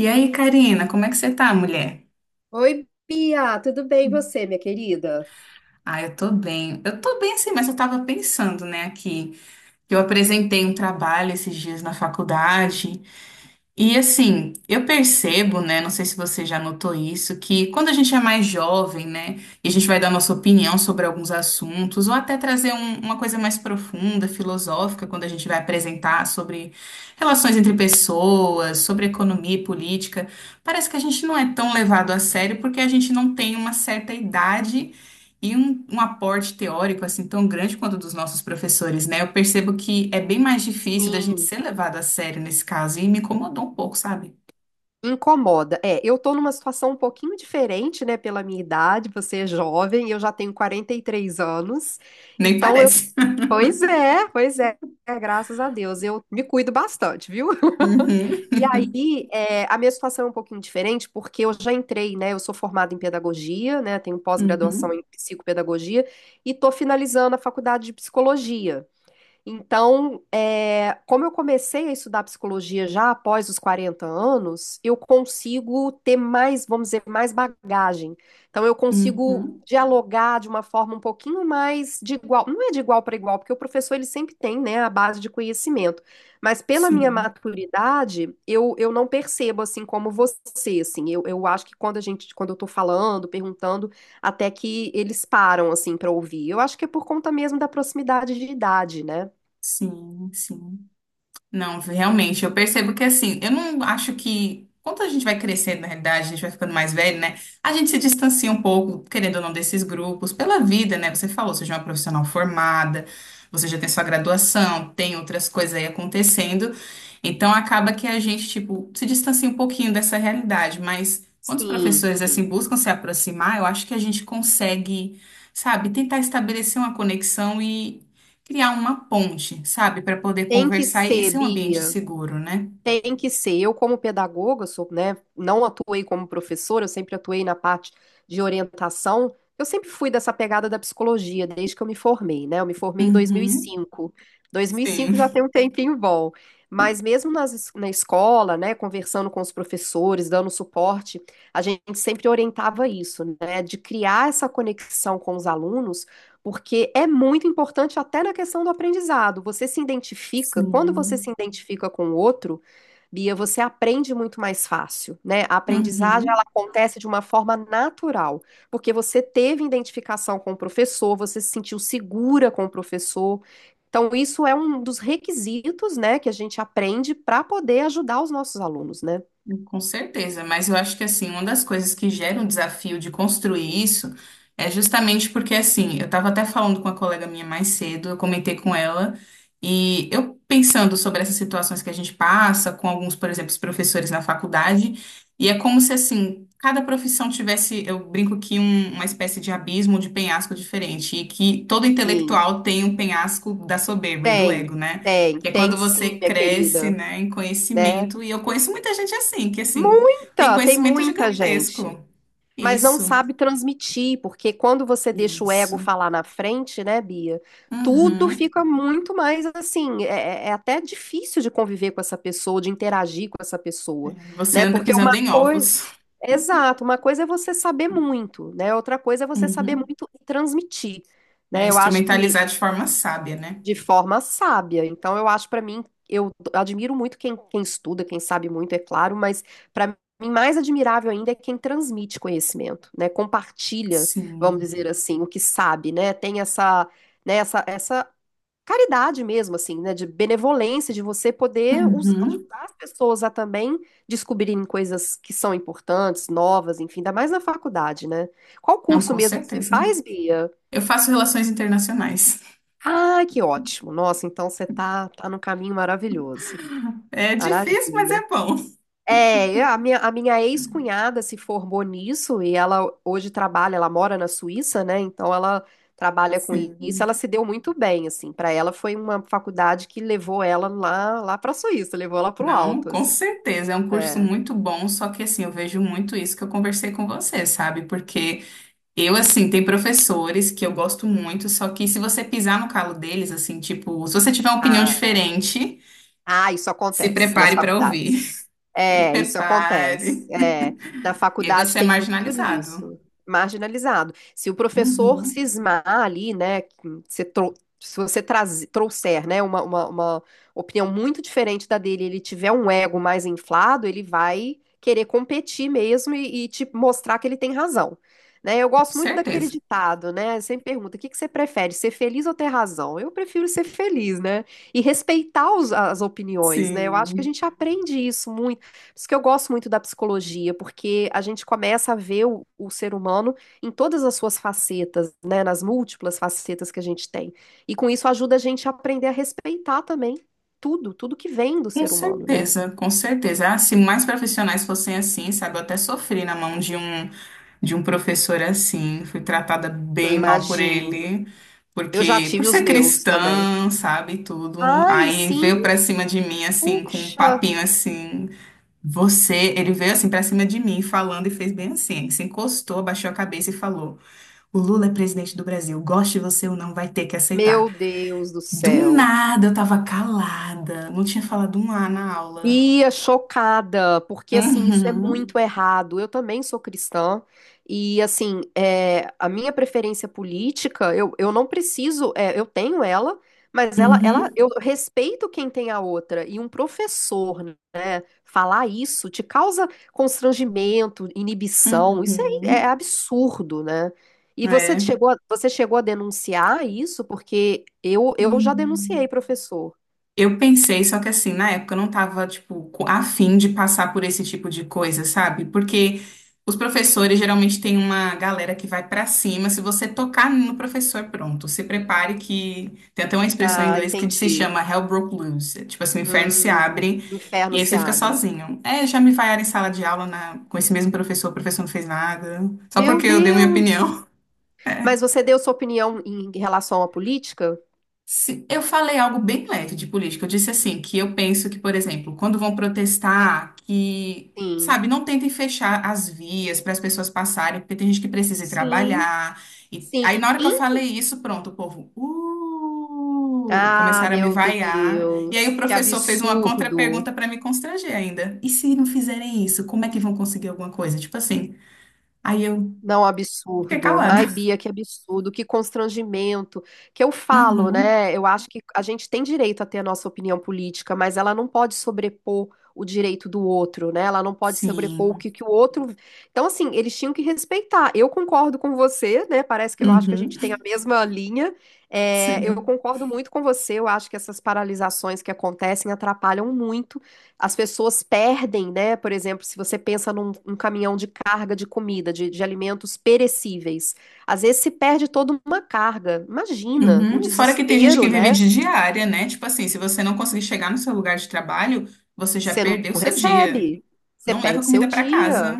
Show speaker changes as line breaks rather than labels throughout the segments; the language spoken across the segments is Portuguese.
E aí, Karina, como é que você tá, mulher?
Oi, Bia, tudo bem e você, minha querida?
Ah, eu tô bem. Eu tô bem sim, mas eu tava pensando, né, aqui, que eu apresentei um trabalho esses dias na faculdade. E assim, eu percebo, né? Não sei se você já notou isso, que quando a gente é mais jovem, né, e a gente vai dar nossa opinião sobre alguns assuntos, ou até trazer uma coisa mais profunda, filosófica, quando a gente vai apresentar sobre relações entre pessoas, sobre economia e política, parece que a gente não é tão levado a sério porque a gente não tem uma certa idade e um aporte teórico assim tão grande quanto o dos nossos professores, né? Eu percebo que é bem mais difícil da gente
Sim,
ser levado a sério nesse caso e me incomodou um pouco, sabe?
incomoda. É, eu tô numa situação um pouquinho diferente, né, pela minha idade, você é jovem, eu já tenho 43 anos.
Nem
Então eu,
parece.
pois é, graças a Deus, eu me cuido bastante, viu? E aí, é, a minha situação é um pouquinho diferente, porque eu já entrei, né? Eu sou formada em pedagogia, né? Tenho
Uhum,
pós-graduação
uhum,
em psicopedagogia e estou finalizando a faculdade de psicologia. Então, é, como eu comecei a estudar psicologia já após os 40 anos, eu consigo ter mais, vamos dizer, mais bagagem. Então, eu consigo
uhum.
dialogar de uma forma um pouquinho mais de igual, não é de igual para igual, porque o professor ele sempre tem, né, a base de conhecimento. Mas pela minha
Sim,
maturidade, eu não percebo assim como você, assim. Eu acho que quando a gente, quando eu estou falando, perguntando, até que eles param assim para ouvir. Eu acho que é por conta mesmo da proximidade de idade, né?
sim, sim. Não, realmente, eu percebo que assim, eu não acho que. Quando a gente vai crescendo, na realidade, a gente vai ficando mais velho, né? A gente se distancia um pouco, querendo ou não, desses grupos, pela vida, né? Você falou, você já é uma profissional formada, você já tem sua graduação, tem outras coisas aí acontecendo. Então, acaba que a gente, tipo, se distancia um pouquinho dessa realidade. Mas quando os
Sim,
professores, assim,
sim.
buscam se aproximar, eu acho que a gente consegue, sabe, tentar estabelecer uma conexão, criar uma ponte, sabe, para poder
Tem que
conversar e
ser,
ser um ambiente
Bia.
seguro, né?
Tem que ser. Eu, como pedagoga, sou, né, não atuei como professora, eu sempre atuei na parte de orientação. Eu sempre fui dessa pegada da psicologia, desde que eu me formei, né? Eu me formei em
Uhum.
2005 já tem
Sim.
um tempinho bom. Mas mesmo nas, na escola, né, conversando com os professores, dando suporte, a gente sempre orientava isso, né, de criar essa conexão com os alunos, porque é muito importante até na questão do aprendizado. Você se identifica, quando você se
Sim.
identifica com o outro, Bia, você aprende muito mais fácil, né? A aprendizagem ela
Uhum.
acontece de uma forma natural, porque você teve identificação com o professor, você se sentiu segura com o professor. Então, isso é um dos requisitos, né, que a gente aprende para poder ajudar os nossos alunos, né?
Com certeza, mas eu acho que assim, uma das coisas que gera um desafio de construir isso é justamente porque assim, eu estava até falando com uma colega minha mais cedo, eu comentei com ela, e eu pensando sobre essas situações que a gente passa, com alguns, por exemplo, os professores na faculdade, e é como se assim, cada profissão tivesse, eu brinco que uma espécie de abismo, de penhasco diferente, e que todo
Sim,
intelectual tem um penhasco da soberba e do
tem,
ego, né?
tem,
Que é
tem
quando
sim,
você
minha
cresce,
querida,
né, em
né?
conhecimento. E eu conheço muita gente assim, que assim, tem
Muita, tem
conhecimento
muita gente.
gigantesco.
Mas não
Isso,
sabe transmitir, porque quando você deixa o ego
isso.
falar na frente, né, Bia? Tudo
Uhum.
fica muito mais assim. É até difícil de conviver com essa pessoa, de interagir com essa pessoa,
É, você
né?
anda
Porque uma
pisando em
coisa.
ovos.
Exato, uma coisa é você saber muito, né? Outra coisa é você saber
Uhum.
muito e transmitir,
É
né? Eu acho que
instrumentalizar de forma sábia, né?
de forma sábia. Então, eu acho para mim, eu admiro muito quem estuda, quem sabe muito, é claro, mas para mim mais admirável ainda é quem transmite conhecimento, né? Compartilha, vamos
Sim.
dizer assim, o que sabe, né? Tem essa, né, essa caridade mesmo, assim, né? De benevolência, de você poder
Uhum.
ajudar as pessoas a também descobrirem coisas que são importantes, novas, enfim, ainda mais na faculdade, né? Qual
Não,
curso
com
mesmo que você
certeza.
faz, Bia?
Eu faço relações internacionais.
Ah, que ótimo. Nossa, então você tá no caminho maravilhoso.
É difícil, mas
Maravilha.
é bom.
É, a minha ex-cunhada se formou nisso e ela hoje trabalha, ela mora na Suíça, né? Então ela trabalha com isso,
Sim.
ela se deu muito bem, assim. Para ela foi uma faculdade que levou ela lá, lá para a Suíça, levou ela para o
Não,
alto,
com
assim.
certeza. É um curso
É.
muito bom, só que assim, eu vejo muito isso que eu conversei com você, sabe? Porque eu, assim, tem professores que eu gosto muito, só que se você pisar no calo deles, assim, tipo, se você tiver uma opinião
Ah,
diferente,
ah, isso
se
acontece nas
prepare para ouvir.
faculdades.
Se
É, isso acontece.
prepare.
É, na
E aí
faculdade
você é
tem muito
marginalizado.
disso, marginalizado. Se o professor
Uhum,
cismar ali, né, que você tro- se você trouxer, né, uma opinião muito diferente da dele, ele tiver um ego mais inflado, ele vai querer competir mesmo e te mostrar que ele tem razão. Né, eu
com
gosto muito daquele
certeza.
ditado, né? Sempre pergunta, o que que você prefere, ser feliz ou ter razão? Eu prefiro ser feliz, né? E respeitar as opiniões, né? Eu acho que a
Sim.
gente aprende isso muito por isso que eu gosto muito da psicologia, porque a gente começa a ver o ser humano em todas as suas facetas, né? Nas múltiplas facetas que a gente tem. E com isso ajuda a gente a aprender a respeitar também tudo que vem do
Com
ser humano, né?
certeza, com certeza. Ah, se mais profissionais fossem assim, sabe, eu até sofri na mão de um. De um professor assim, fui tratada
Eu
bem mal por
imagino.
ele,
Eu já
porque por
tive os
ser
meus também.
cristã, sabe, e tudo.
Ai,
Aí
sim,
veio pra cima de mim assim com um
puxa,
papinho assim, você, ele veio assim pra cima de mim falando e fez bem assim, se encostou, abaixou a cabeça e falou: "O Lula é presidente do Brasil, goste você ou não, vai ter que aceitar".
meu Deus do
Do
céu.
nada eu tava calada, não tinha falado um A na aula.
Ia chocada, porque assim, isso é
Uhum.
muito errado. Eu também sou cristã, e assim, é, a minha preferência política, eu não preciso, é, eu tenho ela, mas
Uhum.
eu respeito quem tem a outra. E um professor, né, falar isso te causa constrangimento, inibição, isso é, é
Uhum.
absurdo, né? E você
É.
chegou a, você chegou a denunciar isso, porque eu já denunciei,
Hum.
professor.
Eu pensei, só que assim, na época eu não tava, tipo, a fim de passar por esse tipo de coisa, sabe? Porque os professores geralmente têm uma galera que vai pra cima. Se você tocar no professor, pronto, se prepare que. Tem até uma expressão em
Ah,
inglês que se
entendi.
chama Hell Broke Loose. É tipo assim, o inferno se
Hum,
abre
o inferno
e aí
se
você fica
abre.
sozinho. É, já me vaiaram em sala de aula na... com esse mesmo professor, o professor não fez nada. Só
Meu
porque eu dei minha
Deus!
opinião.
Mas você deu sua opinião em relação à política?
Eu falei algo bem leve de política. Eu disse assim, que eu penso que, por exemplo, quando vão protestar, que,
Sim.
sabe, não tentem fechar as vias para as pessoas passarem, porque tem gente que precisa ir
Sim.
trabalhar. E
Sim.
aí, na hora que eu falei isso, pronto, o povo,
Ah,
começaram a me
meu
vaiar. E aí o
Deus! Que
professor fez uma
absurdo!
contra-pergunta para me constranger ainda. E se não fizerem isso, como é que vão conseguir alguma coisa? Tipo assim. Aí eu
Não,
fiquei
absurdo.
calada.
Ai, Bia, que absurdo, que constrangimento. Que eu falo,
Uhum.
né? Eu acho que a gente tem direito a ter a nossa opinião política, mas ela não pode sobrepor o direito do outro, né? Ela não pode sobrepor o
Sim.
que, que o outro. Então, assim, eles tinham que respeitar. Eu concordo com você, né? Parece que eu acho que a
Uhum.
gente tem a mesma linha. É, eu
Sim.
concordo muito com você. Eu acho que essas paralisações que acontecem atrapalham muito as pessoas perdem, né? Por exemplo, se você pensa num caminhão de carga de comida, de alimentos perecíveis, às vezes se perde toda uma carga. Imagina o
Uhum. Fora que tem gente
desespero,
que vive
né?
de diária, né? Tipo assim, se você não conseguir chegar no seu lugar de trabalho, você já
Você não
perdeu seu dia.
recebe, você
Não leva
perde seu
comida para casa.
dia.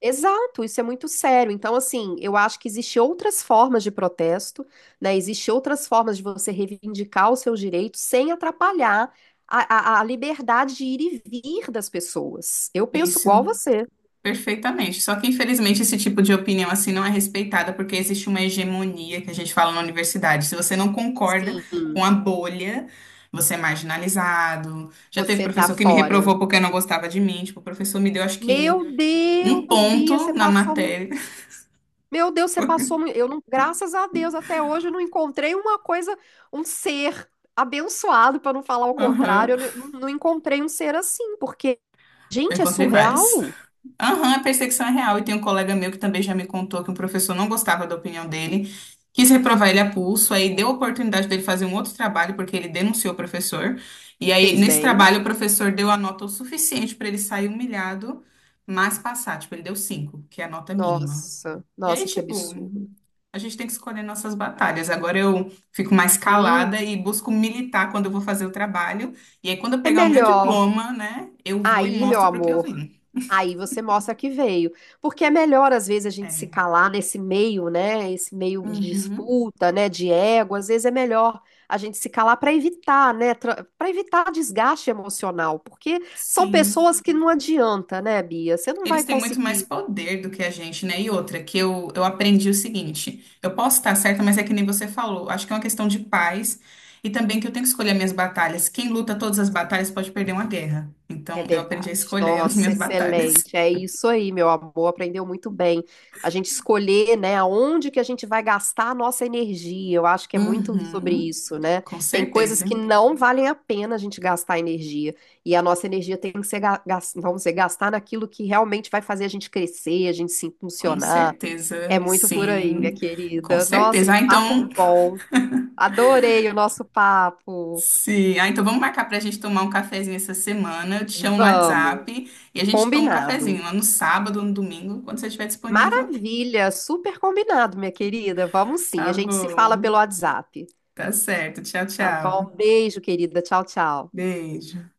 Exato, isso é muito sério. Então, assim, eu acho que existem outras formas de protesto, né? Existem outras formas de você reivindicar os seus direitos sem atrapalhar a liberdade de ir e vir das pessoas. Eu penso igual
Isso,
você.
perfeitamente. Só que, infelizmente, esse tipo de opinião assim não é respeitada porque existe uma hegemonia que a gente fala na universidade. Se você não concorda com
Sim.
a bolha, você é marginalizado. Já teve
Você tá
professor que me
fora.
reprovou porque não gostava de mim. Tipo, o professor me deu, acho que,
Meu
um
Deus, Bia,
ponto
você
na
passou.
matéria.
Meu Deus, você passou. Eu não, graças a Deus, até hoje eu não encontrei uma coisa, um ser abençoado, para não falar o
Aham.
contrário. Eu não encontrei um ser assim, porque,
Eu
gente, é
encontrei vários.
surreal.
Aham, a perseguição é real. E tem um colega meu que também já me contou que um professor não gostava da opinião dele, quis reprovar ele a pulso, aí deu a oportunidade dele fazer um outro trabalho, porque ele denunciou o professor. E aí,
Fez
nesse
bem.
trabalho, o professor deu a nota o suficiente para ele sair humilhado, mas passar. Tipo, ele deu cinco, que é a nota mínima.
Nossa,
E aí,
nossa, que
tipo,
absurdo.
a gente tem que escolher nossas batalhas. Agora eu fico mais
Sim,
calada e busco militar quando eu vou fazer o trabalho. E aí, quando eu
é
pegar o meu
melhor.
diploma, né, eu vou e
Aí, meu
mostro para o que eu
amor.
vim.
Aí você mostra que veio. Porque é melhor, às vezes, a gente se
É.
calar nesse meio, né? Esse meio de
Uhum.
disputa, né? De ego. Às vezes é melhor a gente se calar para evitar, né? Para evitar desgaste emocional. Porque são
Sim,
pessoas que não adianta, né, Bia? Você não
eles
vai
têm muito mais
conseguir.
poder do que a gente, né? E outra, que eu aprendi o seguinte: eu posso estar certa, mas é que nem você falou, acho que é uma questão de paz e também que eu tenho que escolher minhas batalhas. Quem luta todas as batalhas pode perder uma guerra.
É
Então, eu aprendi a
verdade.
escolher as
Nossa,
minhas batalhas.
excelente. É isso aí, meu amor. Aprendeu muito bem. A gente escolher, né, aonde que a gente vai gastar a nossa energia. Eu acho que é muito sobre
Uhum,
isso, né?
com
Tem coisas
certeza,
que não valem a pena a gente gastar energia. E a nossa energia tem que ser, vamos dizer, gastar naquilo que realmente vai fazer a gente crescer, a gente se
com
funcionar. É
certeza,
muito por aí, minha
sim, com
querida. Nossa,
certeza.
que
Ah,
papo
então.
bom. Adorei o nosso papo.
Sim, ah, então vamos marcar para a gente tomar um cafezinho essa semana. Eu te chamo no
Vamos.
WhatsApp e a gente toma um cafezinho
Combinado.
lá no sábado ou no domingo, quando você estiver disponível.
Maravilha, super combinado, minha querida. Vamos sim,
Tá
a gente se fala pelo
bom,
WhatsApp.
tá certo. Tchau,
Tá bom?
tchau.
Beijo, querida. Tchau, tchau.
Beijo.